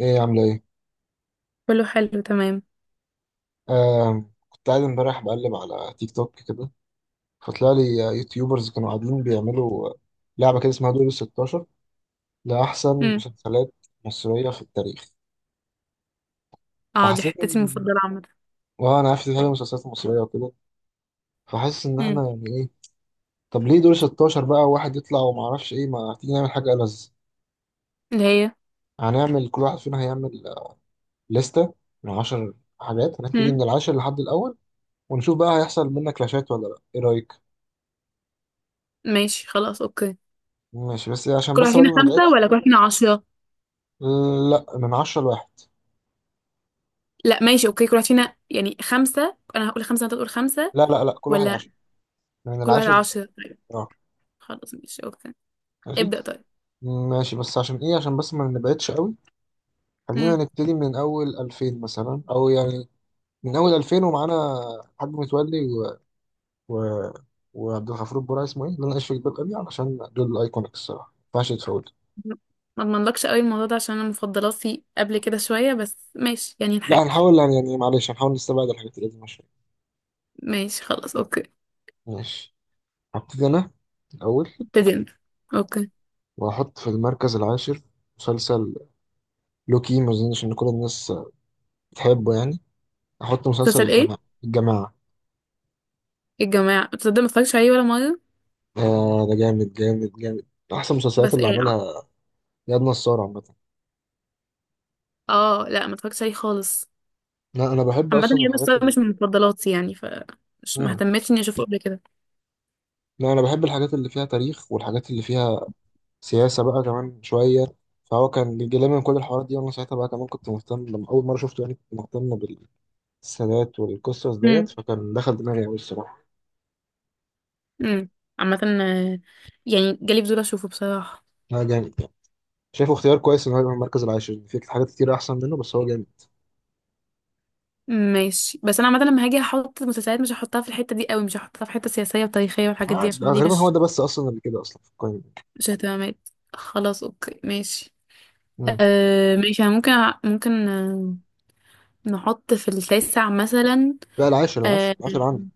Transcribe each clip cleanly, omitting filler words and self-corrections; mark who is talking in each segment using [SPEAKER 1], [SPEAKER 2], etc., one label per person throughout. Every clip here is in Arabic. [SPEAKER 1] ايه عاملة ايه؟
[SPEAKER 2] كله حلو تمام.
[SPEAKER 1] آه كنت قاعد امبارح بقلب على تيك توك كده. فطلع لي يوتيوبرز كانوا قاعدين بيعملوا لعبة كده اسمها دور الستاشر لأحسن
[SPEAKER 2] امم
[SPEAKER 1] مسلسلات مصرية في التاريخ.
[SPEAKER 2] اه دي
[SPEAKER 1] فحسيت
[SPEAKER 2] حتتي
[SPEAKER 1] ان
[SPEAKER 2] المفضلة عامة.
[SPEAKER 1] اه انا عارف دي حاجة مسلسلات مصرية وكده، فحاسس ان احنا
[SPEAKER 2] امم
[SPEAKER 1] يعني ايه. طب ليه دور 16 بقى واحد يطلع وما اعرفش ايه، ما تيجي نعمل حاجة ألذ؟
[SPEAKER 2] اللي هي
[SPEAKER 1] هنعمل كل واحد فينا هيعمل لستة من 10 حاجات، هنبتدي من
[SPEAKER 2] امم
[SPEAKER 1] العاشر لحد الأول ونشوف بقى هيحصل منك كلاشات ولا لا، ايه رأيك؟
[SPEAKER 2] ماشي، خلاص، اوكي.
[SPEAKER 1] ماشي، بس عشان
[SPEAKER 2] كل واحد
[SPEAKER 1] بس
[SPEAKER 2] فينا
[SPEAKER 1] برضه ما
[SPEAKER 2] خمسة
[SPEAKER 1] نبقاش.
[SPEAKER 2] ولا كل واحد فينا عشرة؟
[SPEAKER 1] لا، من عشرة لواحد.
[SPEAKER 2] لا ماشي اوكي، كل واحد فينا يعني خمسة، انا هقول خمسة وانت تقول خمسة،
[SPEAKER 1] لا لا لا، كل واحد عشرة،
[SPEAKER 2] ولا
[SPEAKER 1] من
[SPEAKER 2] كل واحد
[SPEAKER 1] العاشر لل-.
[SPEAKER 2] عشرة؟ طيب،
[SPEAKER 1] اه
[SPEAKER 2] خلاص ماشي اوكي.
[SPEAKER 1] ماشي.
[SPEAKER 2] ابدأ طيب.
[SPEAKER 1] ماشي، بس عشان ايه، عشان بس ما نبعدش قوي. خلينا
[SPEAKER 2] امم
[SPEAKER 1] نبتدي من اول 2000 مثلا او يعني من اول 2000 ومعانا حاج متولي و... وعبد الغفور البرعي، اسمه ايه اللي انا عايش في جلباب ابي، علشان دول الايكونيك الصراحه ما ينفعش يتفوت.
[SPEAKER 2] ما اضمنلكش قوي الموضوع ده، عشان انا مفضلاتي قبل كده شوية، بس ماشي يعني
[SPEAKER 1] لا
[SPEAKER 2] نحاول.
[SPEAKER 1] هنحاول يعني معلش هنحاول نستبعد الحاجات اللي دي. ماشي.
[SPEAKER 2] ماشي خلاص اوكي.
[SPEAKER 1] ماشي هبتدي انا الاول
[SPEAKER 2] ابتدينا. اوكي.
[SPEAKER 1] واحط في المركز العاشر مسلسل لوكي، ما اظنش ان كل الناس بتحبه يعني. احط مسلسل
[SPEAKER 2] مسلسل ايه؟
[SPEAKER 1] الجماعه. الجماعه.
[SPEAKER 2] الجماعة، تصدق ما اتفرجتش عليه ولا مرة.
[SPEAKER 1] آه ده جامد جامد جامد، احسن المسلسلات
[SPEAKER 2] بس
[SPEAKER 1] اللي
[SPEAKER 2] ايه؟
[SPEAKER 1] عملها اياد نصار عامه.
[SPEAKER 2] اه لا ما اتفرجتش عليه خالص.
[SPEAKER 1] لا انا بحب
[SPEAKER 2] عامة
[SPEAKER 1] اصلا
[SPEAKER 2] هي بس
[SPEAKER 1] الحاجات
[SPEAKER 2] أنا
[SPEAKER 1] اللي
[SPEAKER 2] مش من مفضلاتي يعني ف مش
[SPEAKER 1] آه.
[SPEAKER 2] مهتمتش اني اشوفه قبل كده.
[SPEAKER 1] لا انا بحب الحاجات اللي فيها تاريخ والحاجات اللي فيها سياسه بقى كمان شويه، فهو كان بيجيلي من كل الحوارات دي، وانا ساعتها بقى كمان كنت مهتم. لما اول مره شفته يعني كنت مهتم بالسادات والقصص ديت،
[SPEAKER 2] امم
[SPEAKER 1] فكان دخل دماغي قوي الصراحه.
[SPEAKER 2] امم عامة يعني جالي فضول اشوفه بصراحة.
[SPEAKER 1] لا جامد يعني، شايفه اختيار كويس ان هو يبقى المركز العاشر، في حاجات كتير احسن منه بس هو جامد.
[SPEAKER 2] ماشي، بس انا عامة لما هاجي احط مسلسلات مش هحطها في الحتة دي قوي، مش هحطها في حتة سياسية وتاريخية والحاجات دي
[SPEAKER 1] آه
[SPEAKER 2] عشان دي
[SPEAKER 1] غالبا هو
[SPEAKER 2] مش
[SPEAKER 1] ده بس اصلا اللي كده اصلا في القايمه دي.
[SPEAKER 2] مش اهتمامات. خلاص اوكي ماشي.
[SPEAKER 1] مم.
[SPEAKER 2] أه ماشي، أنا ممكن، ممكن نحط في التاسع مثلا.
[SPEAKER 1] لا العاشر العاشر
[SPEAKER 2] أه
[SPEAKER 1] العاشر عندي.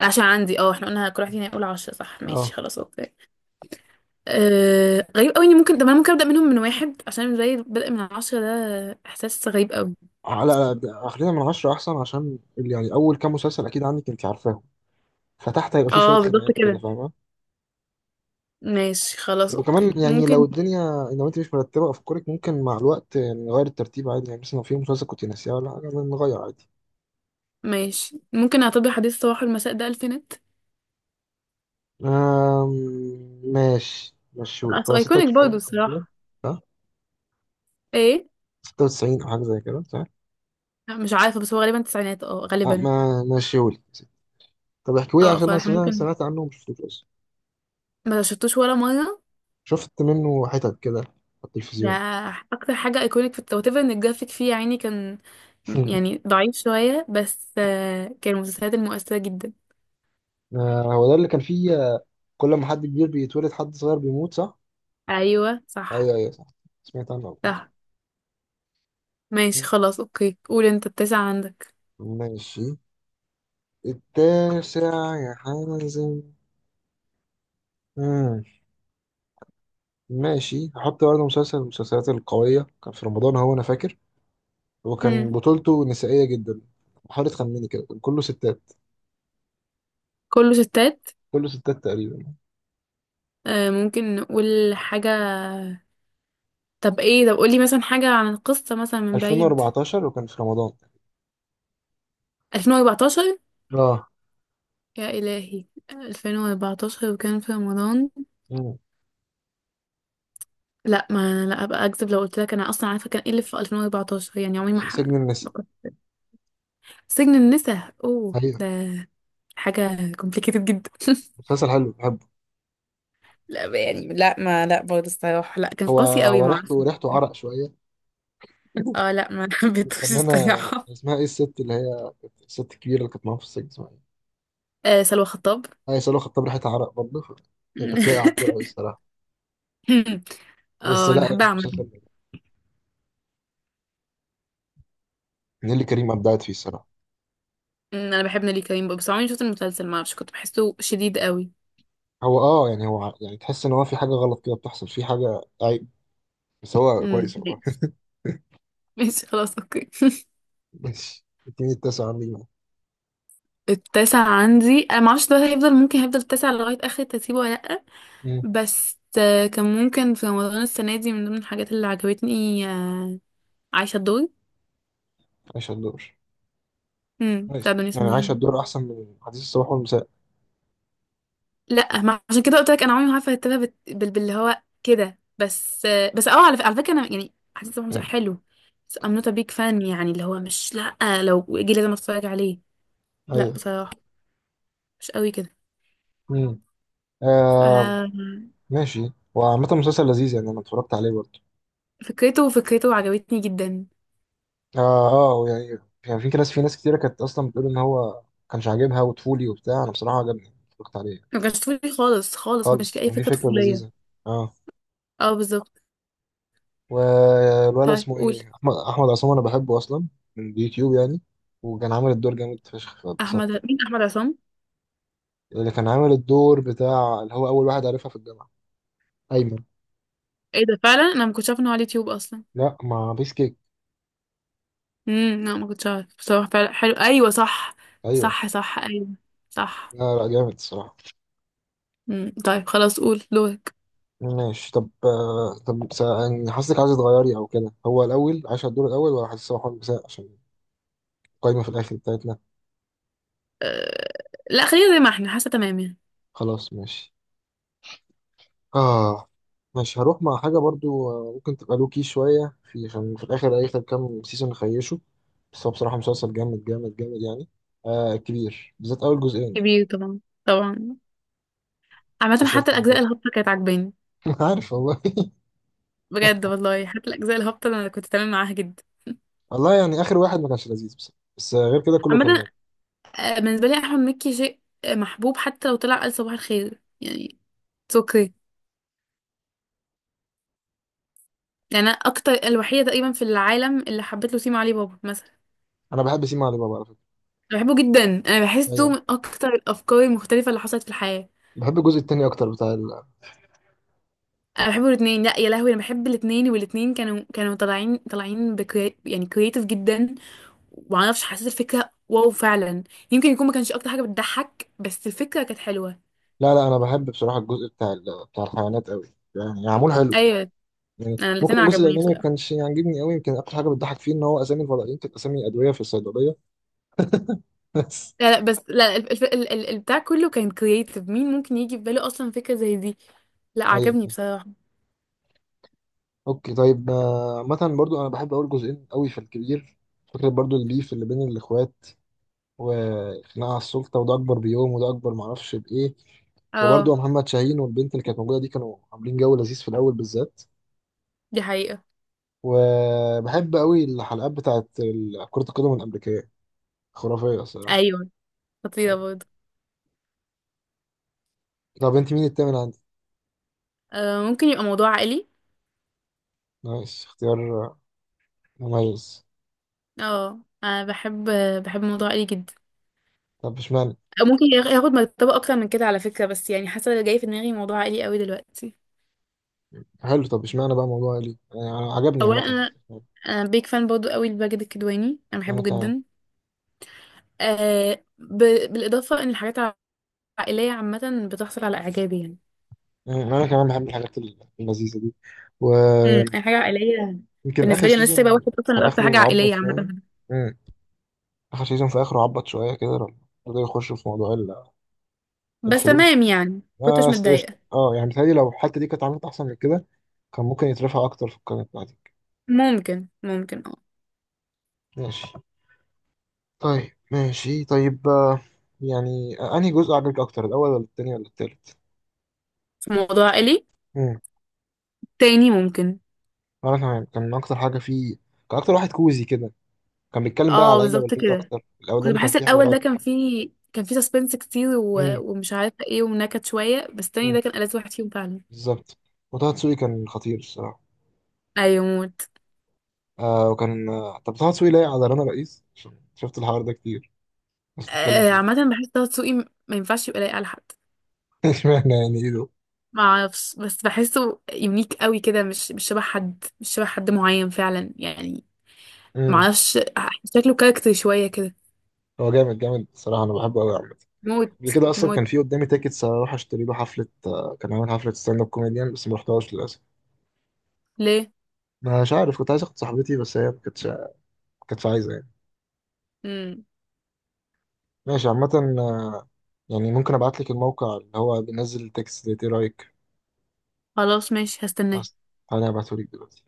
[SPEAKER 2] عشان عندي اه، احنا قلنا كل واحد فينا يقول عشرة، صح؟ ماشي
[SPEAKER 1] اه
[SPEAKER 2] خلاص اوكي. غريب قوي اني ممكن، طب انا ممكن ابدا منهم من واحد، عشان زي البدء من عشرة ده احساس غريب قوي.
[SPEAKER 1] على ده- خلينا من عشرة احسن، عشان ال- يعني اول كام مسلسل اكيد عندك انت عارفاهم فتحت هيبقى فيه شويه
[SPEAKER 2] اه بالظبط
[SPEAKER 1] خناقات كده
[SPEAKER 2] كده.
[SPEAKER 1] فاهمه.
[SPEAKER 2] ماشي خلاص اوكي
[SPEAKER 1] وكمان يعني لو
[SPEAKER 2] ممكن.
[SPEAKER 1] الدنيا، لو انت مش مرتبه افكارك ممكن مع الوقت يعني نغير الترتيب عادي، يعني مثلا لو في مسلسل كنت ناسيها ولا حاجه نغير عادي.
[SPEAKER 2] ماشي، ممكن اعتبر حديث صباح المساء ده الفينات،
[SPEAKER 1] آم... ماشي مشيولك
[SPEAKER 2] اصل
[SPEAKER 1] هو
[SPEAKER 2] ايكونيك برضه
[SPEAKER 1] 96 تقريبا.
[SPEAKER 2] الصراحه.
[SPEAKER 1] صح.
[SPEAKER 2] ايه؟
[SPEAKER 1] 96 او حاجه زي كده صح.
[SPEAKER 2] لا، مش عارفه، بس هو غالبا تسعينات اه
[SPEAKER 1] آه
[SPEAKER 2] غالبا.
[SPEAKER 1] ما مشيولك، طب احكيولي
[SPEAKER 2] اه
[SPEAKER 1] عشان انا
[SPEAKER 2] فاحنا
[SPEAKER 1] سمعت
[SPEAKER 2] ممكن،
[SPEAKER 1] سمعت عنه ومشفتوش اصلا.
[SPEAKER 2] ما شفتوش ولا مره،
[SPEAKER 1] شفت منه حتت كده على
[SPEAKER 2] ده
[SPEAKER 1] التلفزيون.
[SPEAKER 2] اكتر حاجه ايكونيك في التوتيفر ان الجرافيك فيه يا عيني كان يعني ضعيف شويه، بس كان من المسلسلات المؤثره جدا.
[SPEAKER 1] آه، هو ده اللي كان فيه كل ما حد كبير بيتولد حد صغير بيموت صح؟
[SPEAKER 2] ايوه صح.
[SPEAKER 1] ايوه ايوه صح، سمعت عنه قبل كده.
[SPEAKER 2] صح ماشي خلاص اوكي، قول انت التاسع عندك.
[SPEAKER 1] ماشي. التاسع، يا حازم. مم. ماشي هحط برضه مسلسل من المسلسلات القوية، كان في رمضان هو أنا فاكر،
[SPEAKER 2] امم
[SPEAKER 1] وكان بطولته نسائية جدا. حاول تخمني كده، كان كله ستات.
[SPEAKER 2] كله ستات.
[SPEAKER 1] كله ستات تقريبا.
[SPEAKER 2] آه ممكن نقول حاجة. طب ايه، طب قولي مثلا حاجة عن القصة مثلا من بعيد.
[SPEAKER 1] 2014 وكان في رمضان.
[SPEAKER 2] 2014.
[SPEAKER 1] اه.
[SPEAKER 2] يا إلهي. 2014 وكان في رمضان.
[SPEAKER 1] مم.
[SPEAKER 2] لا ما لا، ابقى اكذب لو قلت لك انا اصلا عارفة كان ايه اللي في 2014، يعني عمري ما ح...
[SPEAKER 1] سجن النساء.
[SPEAKER 2] ما كنت- سجن النساء. اوه،
[SPEAKER 1] أيوة.
[SPEAKER 2] ده حاجة complicated جدا.
[SPEAKER 1] مسلسل حلو بحبه.
[SPEAKER 2] لا يعني لا برضه الصراحة، لا كان
[SPEAKER 1] هو
[SPEAKER 2] قاسي قوي
[SPEAKER 1] هو
[SPEAKER 2] ما اعرفش.
[SPEAKER 1] ريحته ريحته عرق شوية.
[SPEAKER 2] اه لا ما حبيتهوش
[SPEAKER 1] فنانة
[SPEAKER 2] الصراحة.
[SPEAKER 1] اسمها ايه الست اللي هي كانت- الست الكبيرة اللي كانت معاها في السجن اسمها ايه؟
[SPEAKER 2] آه سلوى خطاب.
[SPEAKER 1] هي سلوى خطاب، ريحة عرق برضه ف-. هي كانت لايقة على الدور أوي الصراحة. بس
[SPEAKER 2] اه انا
[SPEAKER 1] لا
[SPEAKER 2] بحبها
[SPEAKER 1] يعني مش
[SPEAKER 2] عامة.
[SPEAKER 1] هتلاقي-. نيللي كريم أبدعت فيه الصراحة.
[SPEAKER 2] أمم، انا بحب نيلي كريم بقى، بس عمري ما شفت المسلسل، ما اعرفش كنت بحسه شديد قوي.
[SPEAKER 1] هو اه يعني هو ع- يعني تحس إن هو في حاجة غلط كده بتحصل، في حاجة عيب بس هو كويس والله.
[SPEAKER 2] ماشي. ماشي خلاص اوكي.
[SPEAKER 1] ماشي، اديني التاسع عندي بقى.
[SPEAKER 2] التاسع عندي، انا ما اعرفش ده هيفضل، ممكن هيفضل التاسع لغاية اخر ترتيبه ولا لا.
[SPEAKER 1] مم.
[SPEAKER 2] بس كان ممكن في رمضان السنة دي من ضمن الحاجات اللي عجبتني، عايشة الدور.
[SPEAKER 1] عايشة الدور. كويس،
[SPEAKER 2] بتاع دنيا
[SPEAKER 1] يعني
[SPEAKER 2] سمير
[SPEAKER 1] عايشة
[SPEAKER 2] غانم.
[SPEAKER 1] الدور أحسن من حديث الصباح والمساء.
[SPEAKER 2] لا ما عشان كده قلت لك انا عمري ما عارفه ارتبها باللي هو كده، بس بس اه على، على فكره انا يعني حسيت ان
[SPEAKER 1] مم.
[SPEAKER 2] حلو. بس I'm not a big fan، يعني اللي هو مش لا، لو جه لازم اتفرج عليه. لا
[SPEAKER 1] أيوه.
[SPEAKER 2] بصراحه مش قوي كده.
[SPEAKER 1] مم.
[SPEAKER 2] ف
[SPEAKER 1] آه ماشي، وعامة مسلسل لذيذ يعني أنا اتفرجت عليه برضه.
[SPEAKER 2] فكرته عجبتني جدا.
[SPEAKER 1] اه. اه يعني كان في ناس كتيرة كانت اصلا بتقول ان هو كانش عاجبها وطفولي وبتاع، انا بصراحة عجبني اتفرجت عليه.
[SPEAKER 2] ما كانش طفولي خالص خالص، ما كانش
[SPEAKER 1] خالص،
[SPEAKER 2] في اي
[SPEAKER 1] كان في
[SPEAKER 2] فكره
[SPEAKER 1] فكرة
[SPEAKER 2] طفوليه.
[SPEAKER 1] لذيذة. اه.
[SPEAKER 2] اه بالظبط.
[SPEAKER 1] والولد
[SPEAKER 2] طيب
[SPEAKER 1] اسمه
[SPEAKER 2] قول.
[SPEAKER 1] ايه، احمد عصام، انا بحبه اصلا من اليوتيوب يعني، وكان عامل الدور جامد فشخ
[SPEAKER 2] احمد
[SPEAKER 1] فاتبسطت.
[SPEAKER 2] مين؟ احمد عصام؟
[SPEAKER 1] اللي كان عامل الدور بتاع اللي هو اول واحد عارفها في الجامعة، ايمن.
[SPEAKER 2] ايه ده، فعلا انا ما كنتش عارفه انه على اليوتيوب اصلا.
[SPEAKER 1] لا، ما بيس كيك.
[SPEAKER 2] لا ما كنتش عارف بصراحه، فعلا حلو ايوه صح.
[SPEAKER 1] ايوه.
[SPEAKER 2] صح صح ايوه. صح.
[SPEAKER 1] لا لا جامد الصراحة.
[SPEAKER 2] مم. طيب خلاص قول دورك.
[SPEAKER 1] ماشي طب طب سا- يعني حاسسك عايز تغيري او كده، هو الاول عايش على الدور الاول ولا حاسس هو حاول مساء؟ عشان قايمة في الآخر بتاعتنا.
[SPEAKER 2] أه... لا خلينا زي ما احنا، حاسه تمام يعني.
[SPEAKER 1] خلاص ماشي. آه. ماشي هروح مع حاجة برضو ممكن تبقى لوكي شوية، في عشان في الآخر آخر كام سيزون خيشوا، بس هو بصراحة مسلسل جامد جامد جامد يعني. آه كبير بالذات أول جزئين.
[SPEAKER 2] كبير طبعا طبعا. عامه
[SPEAKER 1] مسلسل
[SPEAKER 2] حتى الاجزاء
[SPEAKER 1] المفضل.
[SPEAKER 2] الهابطه كانت عجباني.
[SPEAKER 1] عارف والله.
[SPEAKER 2] بجد والله، حتى الاجزاء الهابطه انا كنت تمام معاها جدا.
[SPEAKER 1] والله يعني آخر واحد ما كانش لذيذ بس، بس غير كده كله كان
[SPEAKER 2] عامه،
[SPEAKER 1] جامد.
[SPEAKER 2] بالنسبه لي احمد مكي شيء محبوب، حتى لو طلع قال صباح الخير يعني، اتس اوكي. يعني انا اكتر الوحيده تقريبا في العالم اللي حبيت له سيما علي بابا مثلا.
[SPEAKER 1] أنا بحب سيما علي بابا على فكرة.
[SPEAKER 2] أنا بحبه جدا، انا بحسه
[SPEAKER 1] أيوه.
[SPEAKER 2] من اكتر الافكار المختلفه اللي حصلت في الحياه.
[SPEAKER 1] بحب الجزء التاني أكتر، بتاع ال-.
[SPEAKER 2] انا بحب الاثنين، لا يا لهوي انا بحب الاثنين، والاثنين كانوا طالعين يعني كرييتيف جدا، ومعرفش حسيت الفكره واو فعلا. يمكن يكون ما كانش اكتر حاجه بتضحك، بس الفكره كانت حلوه.
[SPEAKER 1] لا لا أنا بحب بصراحة الجزء بتاع ال- بتاع الحيوانات أوي، يعني معمول حلو.
[SPEAKER 2] ايوه.
[SPEAKER 1] يعني
[SPEAKER 2] انا الاثنين
[SPEAKER 1] ممكن الجزء
[SPEAKER 2] عجبوني
[SPEAKER 1] الاولاني ما
[SPEAKER 2] بصراحه.
[SPEAKER 1] كانش يعجبني قوي، يمكن اكتر حاجه بتضحك فيه ان هو اسامي الفضائيين كانت اسامي ادويه في الصيدليه. بس.
[SPEAKER 2] لا لا بس لا الف... ال... ال... ال- البتاع كله كان كرييتيف، مين ممكن يجي في باله اصلا فكره زي دي؟ لا
[SPEAKER 1] ايوه.
[SPEAKER 2] عجبني بصراحه.
[SPEAKER 1] اوكي طيب مثلا برضو انا بحب اول جزئين قوي في الكبير، فكره برضو البيف اللي بين الاخوات وخناقه على السلطه، وده اكبر بيوم وده اكبر معرفش بايه.
[SPEAKER 2] اه
[SPEAKER 1] وبرضو محمد شاهين والبنت اللي كانت موجوده دي كانوا عاملين جو لذيذ في الاول بالذات.
[SPEAKER 2] دي حقيقه.
[SPEAKER 1] وبحب قوي الحلقات بتاعت ال- كره القدم الامريكيه، خرافيه الصراحه.
[SPEAKER 2] ايوه خطيره برضه.
[SPEAKER 1] طب انت مين التامن عندك؟
[SPEAKER 2] آه ممكن يبقى موضوع عائلي.
[SPEAKER 1] نايس اختيار مميز.
[SPEAKER 2] اه انا بحب، بحب موضوع عائلي جدا.
[SPEAKER 1] طب اشمعنى؟
[SPEAKER 2] ممكن ياخد مرتبة أكتر من كده على فكرة، بس يعني حاسة اللي جاي في دماغي موضوع عائلي قوي دلوقتي.
[SPEAKER 1] حلو، طب اشمعنى بقى موضوع ليه يعني أنا- عجبني
[SPEAKER 2] أولا
[SPEAKER 1] عامة.
[SPEAKER 2] أنا، أنا بيك فان برضو قوي لماجد الكدواني، أنا
[SPEAKER 1] انا
[SPEAKER 2] بحبه
[SPEAKER 1] كمان.
[SPEAKER 2] جدا. آه ب... بالإضافة إن الحاجات العائلية عامة بتحصل على إعجابي يعني.
[SPEAKER 1] انا كمان بحب الحاجات اللذيذة دي، ويمكن.
[SPEAKER 2] أي حاجة عائلية
[SPEAKER 1] اخر
[SPEAKER 2] بالنسبة لي، أنا لسه سايبة
[SPEAKER 1] سيزون
[SPEAKER 2] واحد أصلا
[SPEAKER 1] في
[SPEAKER 2] لأكتر حاجة
[SPEAKER 1] اخره عبط
[SPEAKER 2] عائلية
[SPEAKER 1] شوية.
[SPEAKER 2] عامة.
[SPEAKER 1] مم. اخر سيزون في اخره عبط شوية كده، لما بدأوا يخشوا في موضوع ال-
[SPEAKER 2] بس
[SPEAKER 1] الفلوس.
[SPEAKER 2] تمام يعني
[SPEAKER 1] اه
[SPEAKER 2] كنتش
[SPEAKER 1] قشطة.
[SPEAKER 2] متضايقة.
[SPEAKER 1] اه يعني متهيألي لو الحتة دي كانت عملت احسن من كده كان ممكن يترفع اكتر في القائمة بتاعتي.
[SPEAKER 2] ممكن ممكن اه.
[SPEAKER 1] ماشي. طيب ماشي طيب يعني انهي جزء عجبك اكتر، الاول ولا التاني ولا التالت؟
[SPEAKER 2] في موضوع عائلي، تاني ممكن.
[SPEAKER 1] وانا كمان كان اكتر حاجه فيه، كان اكتر واحد كوزي كده، كان بيتكلم بقى على
[SPEAKER 2] اه
[SPEAKER 1] العيله
[SPEAKER 2] بالظبط
[SPEAKER 1] والبيت
[SPEAKER 2] كده.
[SPEAKER 1] اكتر.
[SPEAKER 2] كنت
[SPEAKER 1] الاولاني كان
[SPEAKER 2] بحس
[SPEAKER 1] فيه
[SPEAKER 2] الاول ده
[SPEAKER 1] حوارات.
[SPEAKER 2] كان فيه، كان فيه سسبنس كتير
[SPEAKER 1] امم.
[SPEAKER 2] ومش عارفه ايه، ونكت شويه، بس التاني
[SPEAKER 1] أمم.
[SPEAKER 2] ده كان ألذ واحد فيهم فعلا.
[SPEAKER 1] بالظبط. وطه دسوقي كان خطير الصراحه.
[SPEAKER 2] ايوه موت.
[SPEAKER 1] آه وكان طب طه دسوقي لايق على رنا رئيس، عشان شفت الحوار ده كتير بس تتكلم
[SPEAKER 2] آه
[SPEAKER 1] فيه.
[SPEAKER 2] عامه بحس طه دسوقي ما ينفعش يبقى لايق على حد.
[SPEAKER 1] اشمعنى، يعني ايه ده؟
[SPEAKER 2] ما اعرفش، بس بحسه يونيك قوي كده، مش شبه حد، مش شبه حد معين فعلا يعني. ما
[SPEAKER 1] امم.
[SPEAKER 2] اعرفش، شكله كاركتر شويه كده.
[SPEAKER 1] هو جامد جامد الصراحه، انا بحبه قوي عامه.
[SPEAKER 2] موت.
[SPEAKER 1] قبل كده اصلا
[SPEAKER 2] موت.
[SPEAKER 1] كان في قدامي تيكتس اروح اشتري له حفله، كان عامل حفله ستاند اب كوميديان بس ما رحتهاش للاسف.
[SPEAKER 2] ليه؟
[SPEAKER 1] مش عارف، كنت عايز اخد صاحبتي بس هي ما كانتش عايزه يعني.
[SPEAKER 2] امم
[SPEAKER 1] ماشي عامة، آه، يعني ممكن ابعت لك الموقع اللي هو بينزل التكست ده، ايه رأيك؟
[SPEAKER 2] خلاص ماشي هستناه.
[SPEAKER 1] بس تعالى ابعته لك دلوقتي.